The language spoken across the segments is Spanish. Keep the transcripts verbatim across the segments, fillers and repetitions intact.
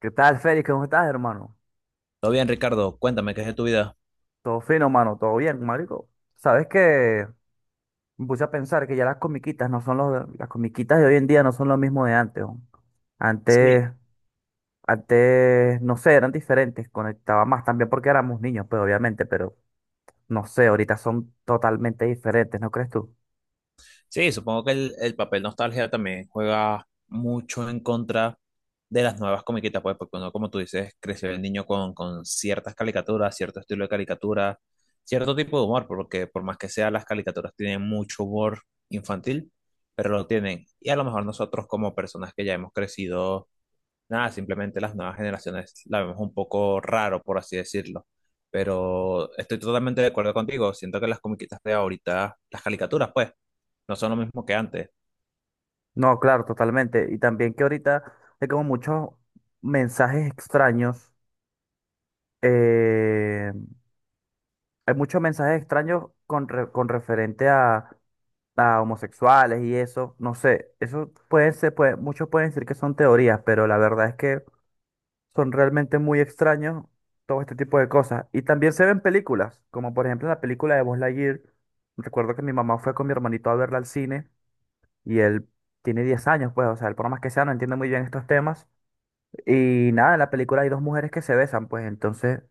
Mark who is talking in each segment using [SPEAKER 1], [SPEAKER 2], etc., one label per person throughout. [SPEAKER 1] ¿Qué tal, Félix? ¿Cómo estás, hermano?
[SPEAKER 2] Todo bien, Ricardo, cuéntame qué es de tu vida.
[SPEAKER 1] Todo fino, mano, todo bien, marico. ¿Sabes que Me puse a pensar que ya las comiquitas no son los, las comiquitas de hoy en día no son lo mismo de antes, ¿no?
[SPEAKER 2] Sí,
[SPEAKER 1] Antes, antes, no sé, eran diferentes, conectaba más también porque éramos niños, pues obviamente, pero no sé, ahorita son totalmente diferentes, ¿no crees tú?
[SPEAKER 2] sí, supongo que el, el papel nostalgia también juega mucho en contra de las nuevas comiquitas, pues, porque uno, como tú dices, creció el niño con, con ciertas caricaturas, cierto estilo de caricatura, cierto tipo de humor, porque por más que sea, las caricaturas tienen mucho humor infantil, pero lo tienen. Y a lo mejor nosotros, como personas que ya hemos crecido. Nada, simplemente las nuevas generaciones la vemos un poco raro, por así decirlo. Pero estoy totalmente de acuerdo contigo. Siento que las comiquitas de ahorita, las caricaturas, pues, no son lo mismo que antes.
[SPEAKER 1] No, claro, totalmente. Y también que ahorita hay como muchos mensajes extraños, eh, hay muchos mensajes extraños con, re- con referente a a homosexuales y eso, no sé, eso pueden ser, puede- muchos pueden decir que son teorías, pero la verdad es que son realmente muy extraños todo este tipo de cosas. Y también se ven películas, como por ejemplo la película de Buzz Lightyear. Recuerdo que mi mamá fue con mi hermanito a verla al cine y él tiene diez años, pues, o sea, él por más que sea no entiende muy bien estos temas. Y nada, en la película hay dos mujeres que se besan, pues entonces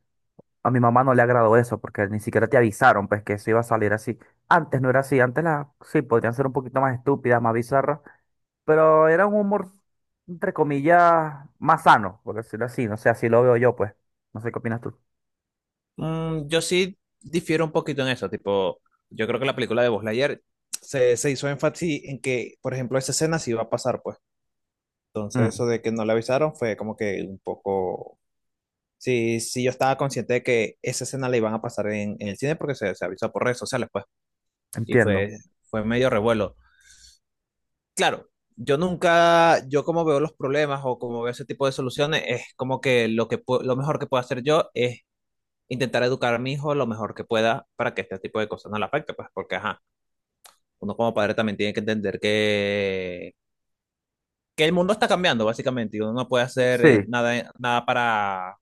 [SPEAKER 1] a mi mamá no le agradó eso porque ni siquiera te avisaron, pues que eso iba a salir así. Antes no era así, antes las sí podrían ser un poquito más estúpidas, más bizarras, pero era un humor, entre comillas, más sano, por decirlo así. No sé, así lo veo yo, pues. No sé qué opinas tú.
[SPEAKER 2] Mm, yo sí difiero un poquito en eso. Tipo, yo creo que la película de Buzz Lightyear se, se hizo énfasis en que, por ejemplo, esa escena sí iba a pasar, pues. Entonces,
[SPEAKER 1] Mm,
[SPEAKER 2] eso de que no le avisaron fue como que un poco. Sí, sí, yo estaba consciente de que esa escena la iban a pasar en, en el cine porque se, se avisó por redes sociales, pues. Y
[SPEAKER 1] entiendo.
[SPEAKER 2] fue, fue medio revuelo. Yo nunca, yo, como veo los problemas o como veo ese tipo de soluciones, es como que lo que pu- lo mejor que puedo hacer yo es intentar educar a mi hijo lo mejor que pueda para que este tipo de cosas no le afecte, pues, porque ajá, uno como padre también tiene que entender que, que el mundo está cambiando básicamente y uno no puede hacer eh,
[SPEAKER 1] Sí,
[SPEAKER 2] nada, nada para,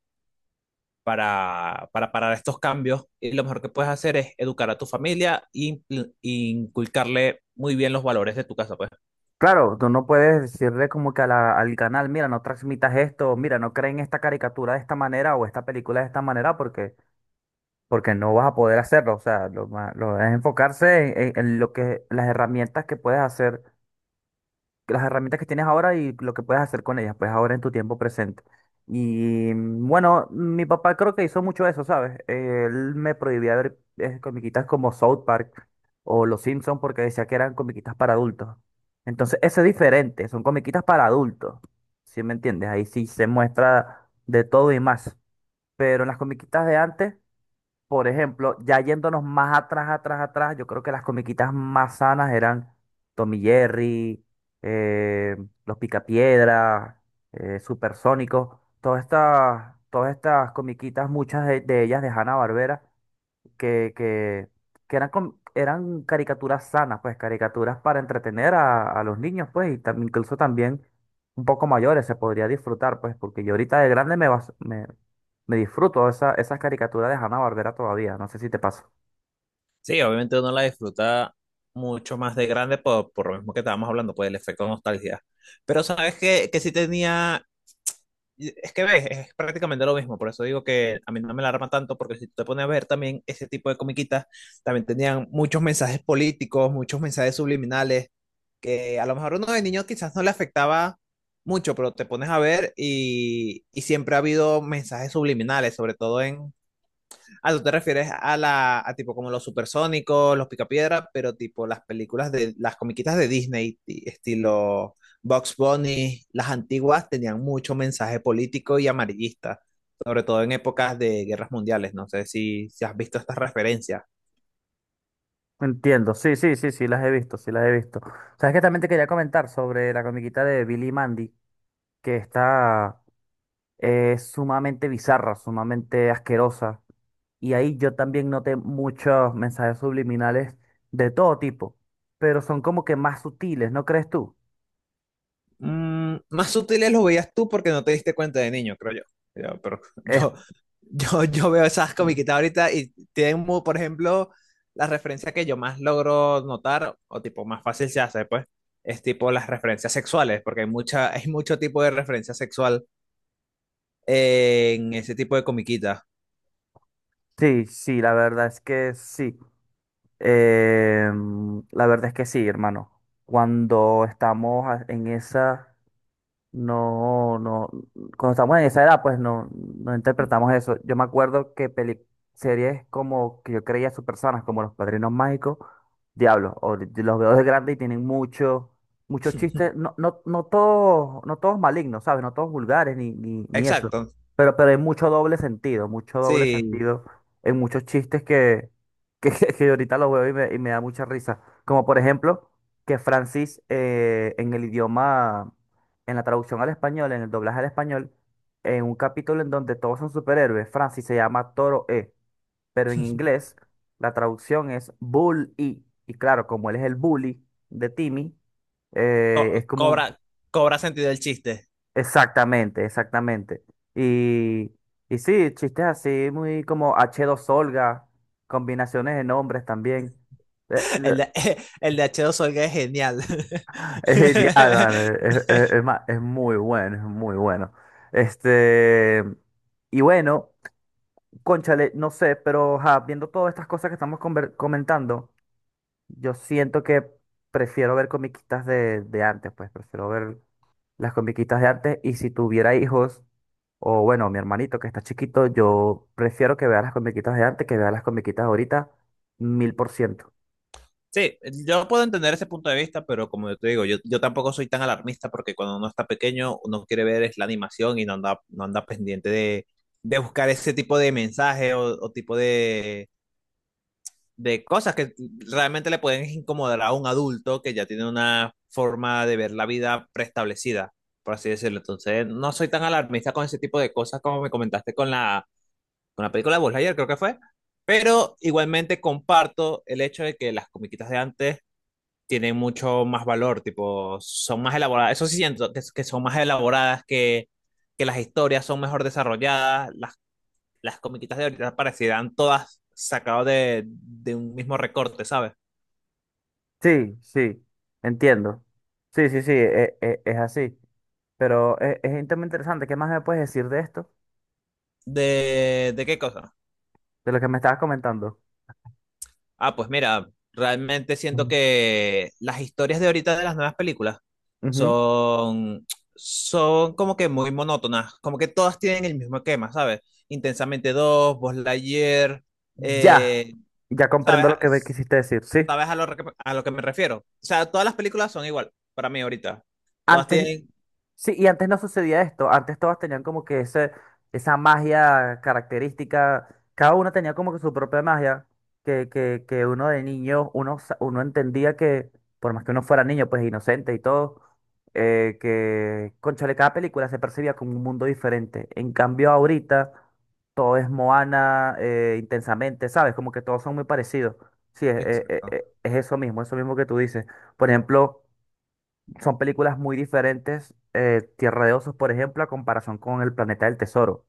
[SPEAKER 2] para, para parar estos cambios, y lo mejor que puedes hacer es educar a tu familia e impl- e inculcarle muy bien los valores de tu casa, pues.
[SPEAKER 1] claro, tú no puedes decirle como que a la- al canal, mira, no transmitas esto, mira, no creen esta caricatura de esta manera o esta película de esta manera porque porque no vas a poder hacerlo. O sea, lo, ma- lo es enfocarse en, en- en lo que las herramientas que puedes hacer, las herramientas que tienes ahora y lo que puedes hacer con ellas, pues ahora en tu tiempo presente. Y mm, bueno, mi papá creo que hizo mucho eso, ¿sabes? Él me prohibía ver eh, comiquitas como South Park o Los Simpsons porque decía que eran comiquitas para adultos. Entonces, eso es diferente, son comiquitas para adultos, ¿sí me entiendes? Ahí sí se muestra de todo y más. Pero en las comiquitas de antes, por ejemplo, ya yéndonos más atrás, atrás, atrás, yo creo que las comiquitas más sanas eran Tommy Jerry, eh, Los Picapiedras, eh, Supersónicos, todas estas, todas estas comiquitas, muchas de, de ellas de Hanna-Barbera, que, que, que eran, com- eran caricaturas sanas, pues caricaturas para entretener a, a los niños, pues, y tam- incluso también un poco mayores se podría disfrutar, pues, porque yo ahorita de grande me, vas- me, me disfruto esa, esas caricaturas de Hanna-Barbera todavía, no sé si te pasa.
[SPEAKER 2] Sí, obviamente uno la disfruta mucho más de grande por, por lo mismo que estábamos hablando, pues el efecto nostalgia. Pero sabes que, que sí tenía, es que ves, es prácticamente lo mismo, por eso digo que a mí no me alarma tanto, porque si tú te pones a ver también ese tipo de comiquitas, también tenían muchos mensajes políticos, muchos mensajes subliminales, que a lo mejor uno de niño quizás no le afectaba mucho, pero te pones a ver y, y siempre ha habido mensajes subliminales, sobre todo en... Ah, tú te refieres a la, a tipo como los supersónicos, los picapiedra, pero tipo las películas de, las comiquitas de Disney, ti- estilo Bugs Bunny, las antiguas tenían mucho mensaje político y amarillista, sobre todo en épocas de guerras mundiales. No sé si, si has visto estas referencias.
[SPEAKER 1] Entiendo, sí, sí, sí, sí, las he visto, sí, las he visto. ¿Sabes que? También te quería comentar sobre la comiquita de Billy y Mandy, que está eh, sumamente bizarra, sumamente asquerosa. Y ahí yo también noté muchos mensajes subliminales de todo tipo, pero son como que más sutiles, ¿no crees tú?
[SPEAKER 2] Mm, más sutiles los veías tú porque no te diste cuenta de niño, creo yo. Yo, pero
[SPEAKER 1] Es,
[SPEAKER 2] yo, yo, yo veo esas comiquitas ahorita y tienen, mu- por ejemplo, la referencia que yo más logro notar, o tipo más fácil se hace, pues, es tipo las referencias sexuales, porque hay mucha, hay mucho tipo de referencia sexual en ese tipo de comiquitas.
[SPEAKER 1] sí, sí, la verdad es que sí. Em, la verdad es que sí, hermano. Cuando estamos a- en esa. No, no, cuando estamos en esa edad, pues no, no interpretamos eso. Yo me acuerdo que peli series como que yo creía personas como Los Padrinos Mágicos, Diablo, o de- los veo de grande y tienen mucho, muchos chistes, no, no, no todos, no todos malignos, ¿sabes? No todos vulgares ni, ni, ni eso.
[SPEAKER 2] Exacto,
[SPEAKER 1] Pero, pero hay mucho doble sentido, mucho doble
[SPEAKER 2] sí,
[SPEAKER 1] sentido en muchos chistes que, que, que ahorita los veo y me, y me da mucha risa. Como por ejemplo, que Francis eh, en el idioma en la traducción al español, en el doblaje al español, en un capítulo en donde todos son superhéroes, Francis se llama Toro E, pero en inglés la traducción es Bull E. Y claro, como él es el bully de Timmy, eh,
[SPEAKER 2] Co-
[SPEAKER 1] es como un-
[SPEAKER 2] cobra, cobra sentido el chiste.
[SPEAKER 1] Exactamente, exactamente. Y, y sí, chistes así, muy como h dos Olga, combinaciones de nombres también. Eh, eh,
[SPEAKER 2] El de, el de h dos o es genial.
[SPEAKER 1] Es genial, man. Es, es- es ma- es muy bueno, es muy bueno. Este, y bueno, cónchale, no sé, pero ajá, viendo todas estas cosas que estamos conver- comentando, yo siento que prefiero ver comiquitas de, de antes, pues prefiero ver las comiquitas de antes. Y si tuviera hijos, o bueno, mi hermanito que está chiquito, yo prefiero que vea las comiquitas de antes que vea las comiquitas de ahorita, mil por ciento.
[SPEAKER 2] Sí, yo puedo entender ese punto de vista, pero como yo te digo, yo, yo tampoco soy tan alarmista porque cuando uno está pequeño, uno quiere ver es la animación y no anda, no anda pendiente de, de buscar ese tipo de mensaje o, o tipo de, de cosas que realmente le pueden incomodar a un adulto que ya tiene una forma de ver la vida preestablecida, por así decirlo. Entonces, no soy tan alarmista con ese tipo de cosas como me comentaste con la, con la película de Buzz Lightyear, creo que fue. Pero igualmente comparto el hecho de que las comiquitas de antes tienen mucho más valor, tipo, son más elaboradas. Eso sí siento que, que son más elaboradas, que, que las historias son mejor desarrolladas, las, las comiquitas de ahorita parecieran todas sacadas de, de un mismo recorte, ¿sabes?
[SPEAKER 1] Sí, sí, entiendo. Sí, sí, sí, e- e- es así. Pero es, es un tema interesante. ¿Qué más me puedes decir de esto?
[SPEAKER 2] ¿De, de qué cosa?
[SPEAKER 1] De lo que me estabas comentando.
[SPEAKER 2] Ah, pues mira, realmente siento
[SPEAKER 1] Mm.
[SPEAKER 2] que las historias de ahorita de las nuevas películas
[SPEAKER 1] Ujú.
[SPEAKER 2] son, son como que muy monótonas, como que todas tienen el mismo esquema, ¿sabes? Intensamente dos, Buzz Lightyear,
[SPEAKER 1] Ya,
[SPEAKER 2] eh,
[SPEAKER 1] ya comprendo lo que me
[SPEAKER 2] ¿sabes?
[SPEAKER 1] quisiste decir. Sí,
[SPEAKER 2] ¿Sabes a lo, que- a lo que me refiero? O sea, todas las películas son igual para mí ahorita. Todas
[SPEAKER 1] antes,
[SPEAKER 2] tienen...
[SPEAKER 1] sí, y antes no sucedía esto. Antes todas tenían como que ese, esa magia característica. Cada una tenía como que su propia magia. Que, que, que uno de niño, uno, sa- uno entendía que, por más que uno fuera niño, pues inocente y todo, eh, que, cónchale, cada película se percibía como un mundo diferente. En cambio, ahorita todo es Moana, eh, intensamente, ¿sabes? Como que todos son muy parecidos. Sí, es, es
[SPEAKER 2] Exacto.
[SPEAKER 1] es- es eso mismo, eso mismo que tú dices. Por ejemplo, son películas muy diferentes. Eh, Tierra de Osos, por ejemplo, a comparación con El Planeta del Tesoro.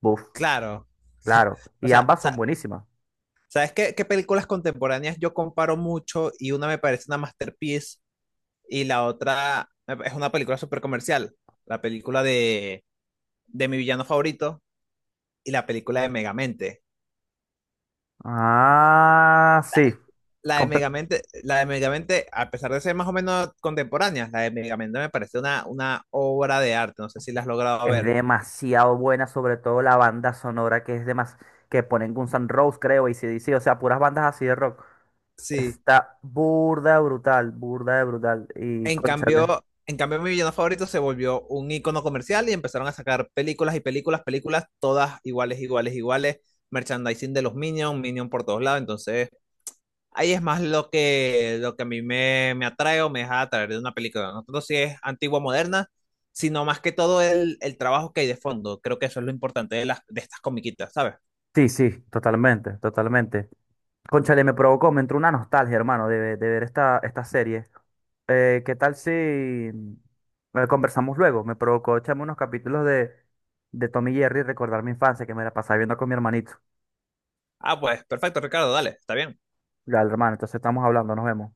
[SPEAKER 1] Buf,
[SPEAKER 2] Claro.
[SPEAKER 1] claro.
[SPEAKER 2] O
[SPEAKER 1] Y
[SPEAKER 2] sea,
[SPEAKER 1] ambas son
[SPEAKER 2] sa-
[SPEAKER 1] buenísimas.
[SPEAKER 2] ¿sabes qué, qué películas contemporáneas yo comparo mucho y una me parece una masterpiece y la otra es una película súper comercial? La película de, de Mi Villano Favorito y la película de Megamente.
[SPEAKER 1] Ah, sí.
[SPEAKER 2] La de
[SPEAKER 1] Compe-
[SPEAKER 2] Megamente, la de Megamente, a pesar de ser más o menos contemporáneas, la de Megamente me parece una, una obra de arte. No sé si la has logrado
[SPEAKER 1] Es
[SPEAKER 2] ver.
[SPEAKER 1] demasiado buena, sobre todo la banda sonora que es demas que ponen Guns N' Roses, creo, y ac o sea, puras bandas así de rock.
[SPEAKER 2] Sí.
[SPEAKER 1] Está burda de brutal, burda de brutal. Y
[SPEAKER 2] En
[SPEAKER 1] cónchale.
[SPEAKER 2] cambio, en cambio, Mi Villano Favorito se volvió un icono comercial y empezaron a sacar películas y películas, películas, todas iguales, iguales, iguales. Merchandising de los Minions, Minion por todos lados. Entonces, ahí es más lo que, lo que a mí me, me atrae o me deja atraer de una película. No tanto si es antigua o moderna, sino más que todo el, el trabajo que hay de fondo. Creo que eso es lo importante de, las, de estas comiquitas, ¿sabes?
[SPEAKER 1] Sí, sí, totalmente, totalmente. Cónchale, me provocó, me entró una nostalgia, hermano, de, de ver esta, esta serie. Eh, ¿qué tal si mm, eh, conversamos luego? Me provocó echarme unos capítulos de, de Tom y Jerry y recordar mi infancia que me la pasaba viendo con mi hermanito.
[SPEAKER 2] Ah, pues perfecto, Ricardo, dale, está bien.
[SPEAKER 1] Ya, hermano, entonces estamos hablando, nos vemos.